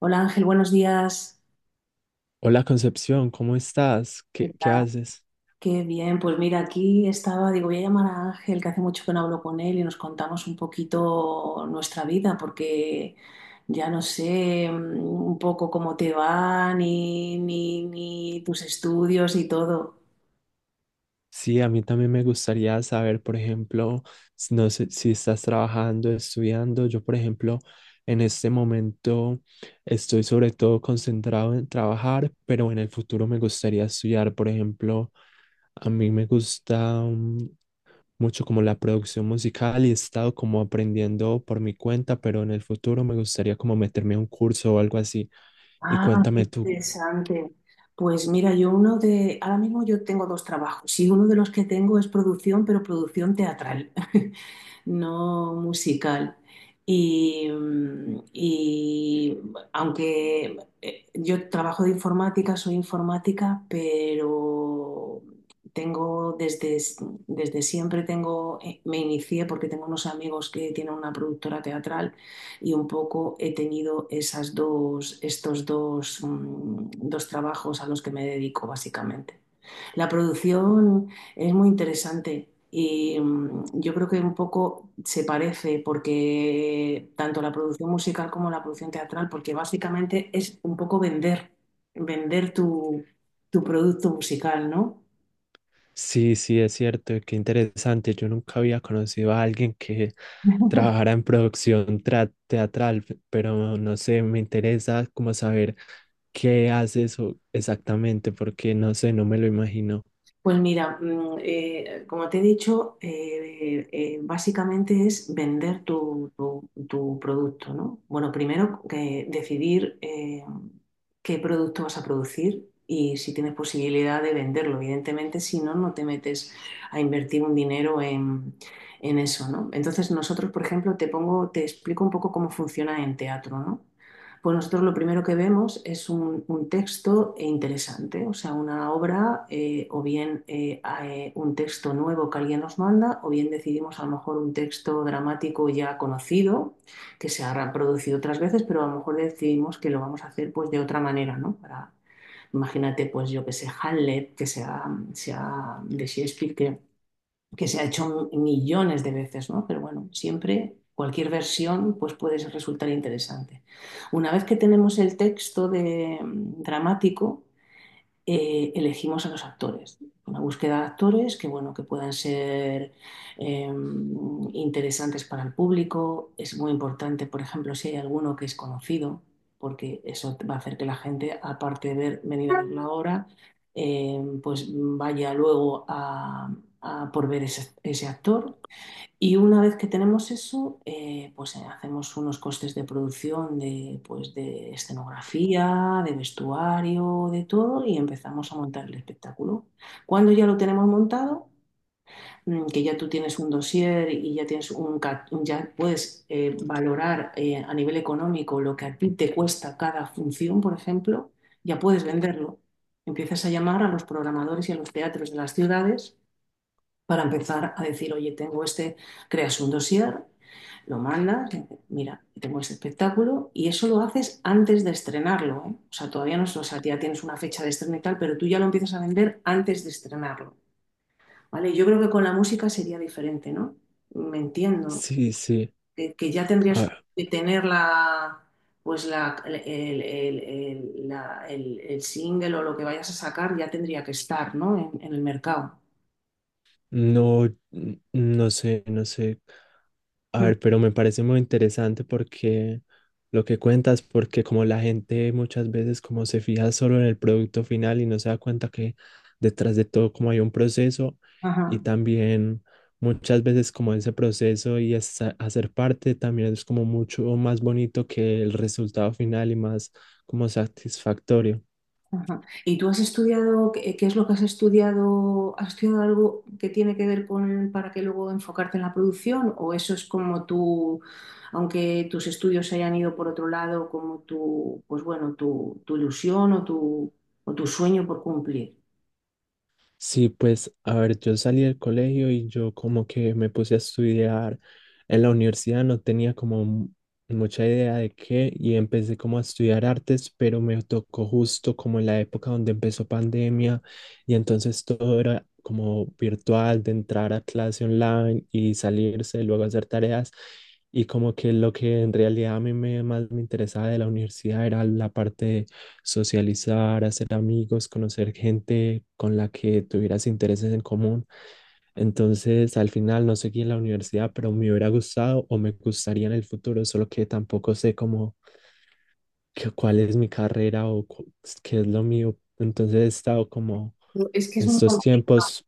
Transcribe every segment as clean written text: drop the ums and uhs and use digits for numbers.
Hola Ángel, buenos días. Hola Concepción, ¿cómo estás? ¿Qué ¿¿Qué tal? haces? Qué bien, pues mira, aquí estaba, digo, voy a llamar a Ángel, que hace mucho que no hablo con él y nos contamos un poquito nuestra vida, porque ya no sé, un poco cómo te va, ni tus estudios y todo. Sí, a mí también me gustaría saber, por ejemplo, no sé si estás trabajando, estudiando. Yo, por ejemplo, en este momento estoy sobre todo concentrado en trabajar, pero en el futuro me gustaría estudiar, por ejemplo, a mí me gusta mucho como la producción musical y he estado como aprendiendo por mi cuenta, pero en el futuro me gustaría como meterme a un curso o algo así. Y Ah, qué cuéntame tú. interesante. Pues mira, yo uno de, ahora mismo yo tengo dos trabajos y uno de los que tengo es producción, pero producción teatral. No musical. Y aunque yo trabajo de informática, soy informática, pero tengo desde, desde siempre tengo, me inicié porque tengo unos amigos que tienen una productora teatral y un poco he tenido esas dos, estos dos, dos trabajos a los que me dedico básicamente. La producción es muy interesante y, yo creo que un poco se parece porque tanto la producción musical como la producción teatral, porque básicamente es un poco vender, vender tu, tu producto musical, ¿no? Sí, sí, es cierto, qué interesante. Yo nunca había conocido a alguien que trabajara en producción teatral, pero no sé, me interesa como saber qué hace eso exactamente, porque no sé, no me lo imagino. Pues mira, como te he dicho, básicamente es vender tu, tu producto, ¿no? Bueno, primero que decidir qué producto vas a producir y si tienes posibilidad de venderlo. Evidentemente, si no, no te metes a invertir un dinero en eso, ¿no? Entonces, nosotros, por ejemplo, te pongo, te explico un poco cómo funciona en teatro, ¿no? Pues nosotros lo primero que vemos es un texto interesante, o sea, una obra o bien un texto nuevo que alguien nos manda, o bien decidimos a lo mejor un texto dramático ya conocido, que se ha reproducido otras veces, pero a lo mejor decidimos que lo vamos a hacer pues de otra manera, ¿no? Para, imagínate, pues yo que sé, Hamlet, que sea, sea de Shakespeare, que se ha hecho millones de veces, ¿no? Pero bueno, siempre cualquier versión pues puede resultar interesante. Una vez que tenemos el texto de, dramático, elegimos a los actores. Una búsqueda de actores que, bueno, que puedan ser eh, interesantes para el público. Es muy importante, por ejemplo, si hay alguno que es conocido, porque eso va a hacer que la gente, aparte de ver, venir a ver la obra, pues vaya luego a por ver ese, ese actor. Y una vez que tenemos eso, hacemos unos costes de producción de, pues, de escenografía, de vestuario, de todo, y empezamos a montar el espectáculo. Cuando ya lo tenemos montado, que ya tú tienes un dossier y ya tienes un, ya puedes, valorar a nivel económico lo que a ti te cuesta cada función, por ejemplo, ya puedes venderlo. Empiezas a llamar a los programadores y a los teatros de las ciudades para empezar a decir, oye, tengo este, creas un dossier, lo mandas, mira, tengo este espectáculo, y eso lo haces antes de estrenarlo, ¿eh? O sea, todavía no, o sea, ya tienes una fecha de estreno y tal, pero tú ya lo empiezas a vender antes de estrenarlo, ¿vale? Yo creo que con la música sería diferente, ¿no? Me entiendo, Sí, sí. Que ya tendrías A que tener la... Pues la- el, el single o lo que vayas a sacar ya tendría que estar, ¿no? En el mercado. no, no sé, no sé. A Mm, ver, pero me parece muy interesante porque lo que cuentas, porque como la gente muchas veces como se fija solo en el producto final y no se da cuenta que detrás de todo como hay un proceso Ajá. y también muchas veces como ese proceso y hacer parte también es como mucho más bonito que el resultado final y más como satisfactorio. Ajá. ¿Y tú has estudiado, qué, qué es lo que has estudiado? ¿Has estudiado algo que tiene que ver con para que luego enfocarte en la producción? ¿O eso es como tú, aunque tus estudios se hayan ido por otro lado, como tu, pues bueno, tu ilusión o tu sueño por cumplir? Sí, pues, a ver, yo salí del colegio y yo como que me puse a estudiar en la universidad, no tenía como mucha idea de qué y empecé como a estudiar artes, pero me tocó justo como en la época donde empezó pandemia y entonces todo era como virtual, de entrar a clase online y salirse, luego hacer tareas y como que lo que en realidad a mí me, más me interesaba de la universidad era la parte socializar, hacer amigos, conocer gente con la que tuvieras intereses en común. Entonces, al final no seguí en la universidad, pero me hubiera gustado o me gustaría en el futuro, solo que tampoco sé cómo, cuál es mi carrera o qué es lo mío. Entonces, he estado como Es que es muy, estos tiempos,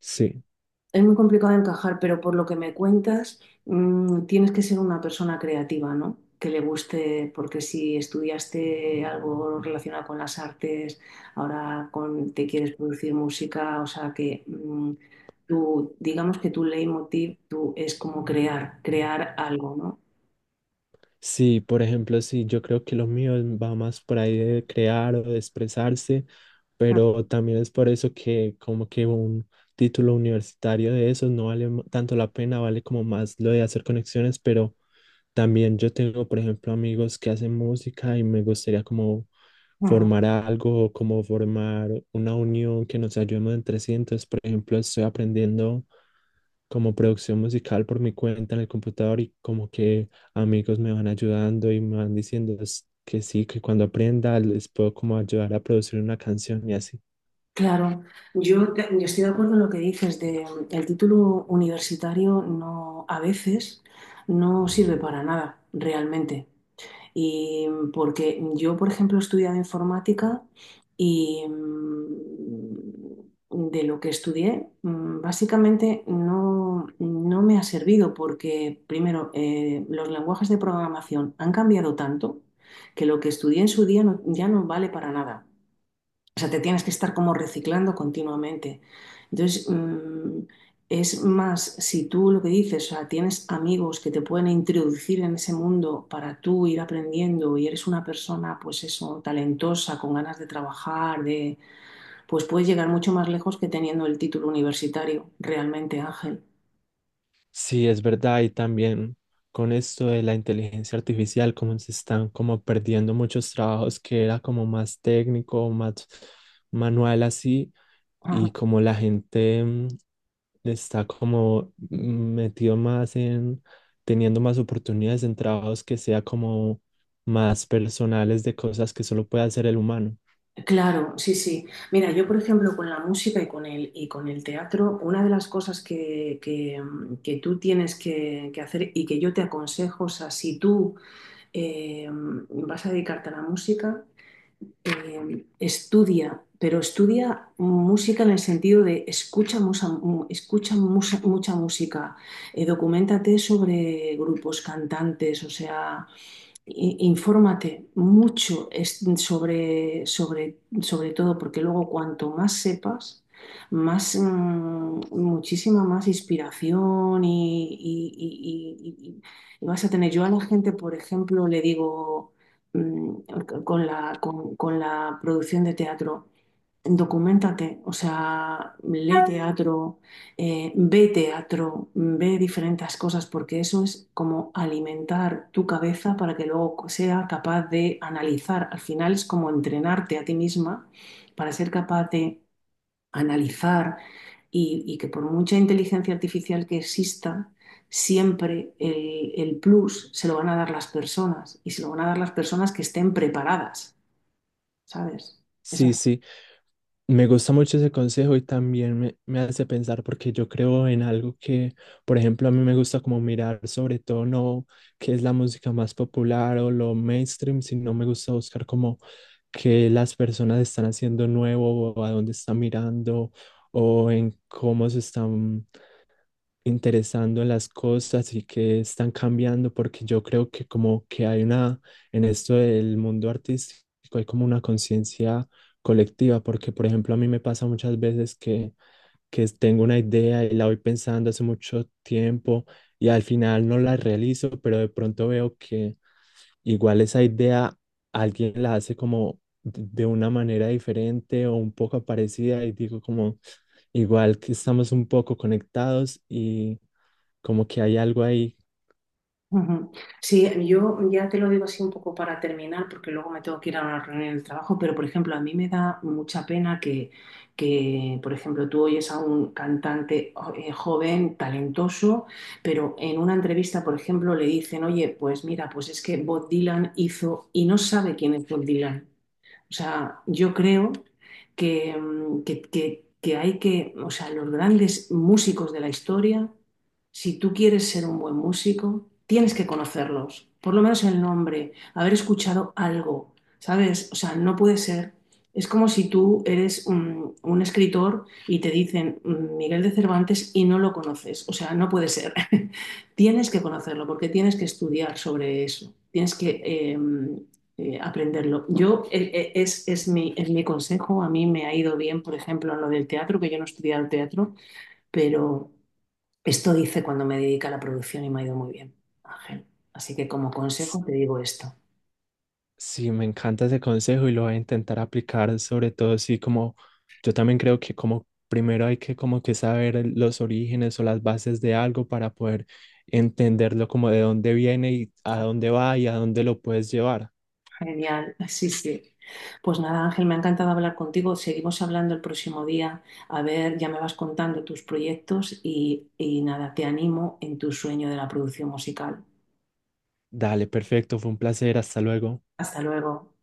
sí. es muy complicado de encajar, pero por lo que me cuentas, tienes que ser una persona creativa, ¿no? Que le guste, porque si estudiaste algo relacionado con las artes, ahora te quieres producir música, o sea que, tú, digamos que tu leitmotiv tú, es como crear, crear algo, ¿no? Sí, por ejemplo, sí, yo creo que lo mío va más por ahí de crear o de expresarse, pero también es por eso que como que un título universitario de eso no vale tanto la pena, vale como más lo de hacer conexiones, pero también yo tengo, por ejemplo, amigos que hacen música y me gustaría como Ajá. formar algo, como formar una unión que nos ayudemos entre sí. Entonces, por ejemplo, estoy aprendiendo como producción musical por mi cuenta en el computador y como que amigos me van ayudando y me van diciendo que sí, que cuando aprenda les puedo como ayudar a producir una canción y así. Claro, yo, yo estoy de acuerdo en lo que dices de el título universitario no a veces no sirve para nada realmente. Y, porque yo, por ejemplo, he estudiado informática y, de lo que estudié, básicamente no, no me ha servido porque, primero, los lenguajes de programación han cambiado tanto que lo que estudié en su día ya no vale para nada. O sea, te tienes que estar como reciclando continuamente. Entonces, es más, si tú lo que dices, o sea, tienes amigos que te pueden introducir en ese mundo para tú ir aprendiendo y eres una persona, pues eso, talentosa, con ganas de trabajar, de, pues puedes llegar mucho más lejos que teniendo el título universitario, realmente, Ángel. Sí, es verdad y también con esto de la inteligencia artificial, como se están como perdiendo muchos trabajos que era como más técnico, más manual así y como la gente... está como metido más en teniendo más oportunidades en trabajos que sea como más personales de cosas que solo puede hacer el humano. Claro, sí, sí. Mira, yo por ejemplo con la música y con el teatro, una de las cosas que, que tú tienes que hacer y que yo te aconsejo, o sea, si tú, eh, vas a dedicarte a la música, estudia, pero estudia música en el sentido de escucha, escucha, mucha música, documéntate sobre grupos, cantantes, o sea, infórmate mucho sobre, sobre, sobre todo, porque luego cuanto más sepas, más, muchísima más inspiración y vas a tener. Yo a la gente, por ejemplo, le digo, mm, con la producción de teatro, documentate, o sea, lee teatro, ve teatro, ve diferentes cosas, porque eso es como alimentar tu cabeza para que luego sea capaz de analizar. Al final es como entrenarte a ti misma para ser capaz de analizar y que por mucha inteligencia artificial que exista, siempre el plus se lo van a dar las personas y se lo van a dar las personas que estén preparadas, ¿sabes? Esa, Sí, sí, me gusta mucho ese consejo y también me hace pensar porque yo creo en algo que, por ejemplo, a mí me gusta como mirar sobre todo no qué es la música más popular o lo mainstream, sino me gusta buscar como qué las personas están haciendo nuevo o a dónde están mirando o en cómo se están interesando en las cosas y que están cambiando, porque yo creo que como que hay una, en esto del mundo artístico, hay como una conciencia colectiva, porque por ejemplo a mí me pasa muchas veces que tengo una idea y la voy pensando hace mucho tiempo y al final no la realizo, pero de pronto veo que igual esa idea alguien la hace como de una manera diferente o un poco parecida y digo como igual que estamos un poco conectados y como que hay algo ahí. ujú. Sí, yo ya te lo digo así un poco para terminar, porque luego me tengo que ir a una reunión del trabajo, pero por ejemplo, a mí me da mucha pena que, por ejemplo, tú oyes a un cantante joven, talentoso, pero en una entrevista, por ejemplo, le dicen, oye, pues mira, pues es que Bob Dylan hizo y no sabe quién es Bob Dylan. O sea, yo creo que, que hay que, o sea, los grandes músicos de la historia, si tú quieres ser un buen músico, tienes que conocerlos, por lo menos el nombre, haber escuchado algo, ¿sabes? O sea, no puede ser. Es como si tú eres un escritor y te dicen, Miguel de Cervantes y no lo conoces. O sea, no puede ser. Tienes que conocerlo porque tienes que estudiar sobre eso. Tienes que, aprenderlo. Yo, es mi consejo, a mí me ha ido bien, por ejemplo, en lo del teatro, que yo no he estudiado teatro, pero esto hice cuando me dediqué a la producción y me ha ido muy bien, Ángel. Así que como S- consejo te digo esto. Sí, me encanta ese consejo y lo voy a intentar aplicar, sobre todo si como yo también creo que como primero hay que como que saber los orígenes o las bases de algo para poder entenderlo como de dónde viene y a dónde va y a dónde lo puedes llevar. Genial, sí, sí. Pues nada, Ángel, me ha encantado hablar contigo. Seguimos hablando el próximo día. A ver, ya me vas contando tus proyectos y nada, te animo en tu sueño de la producción musical. Dale, perfecto, fue un placer, hasta luego. Hasta luego.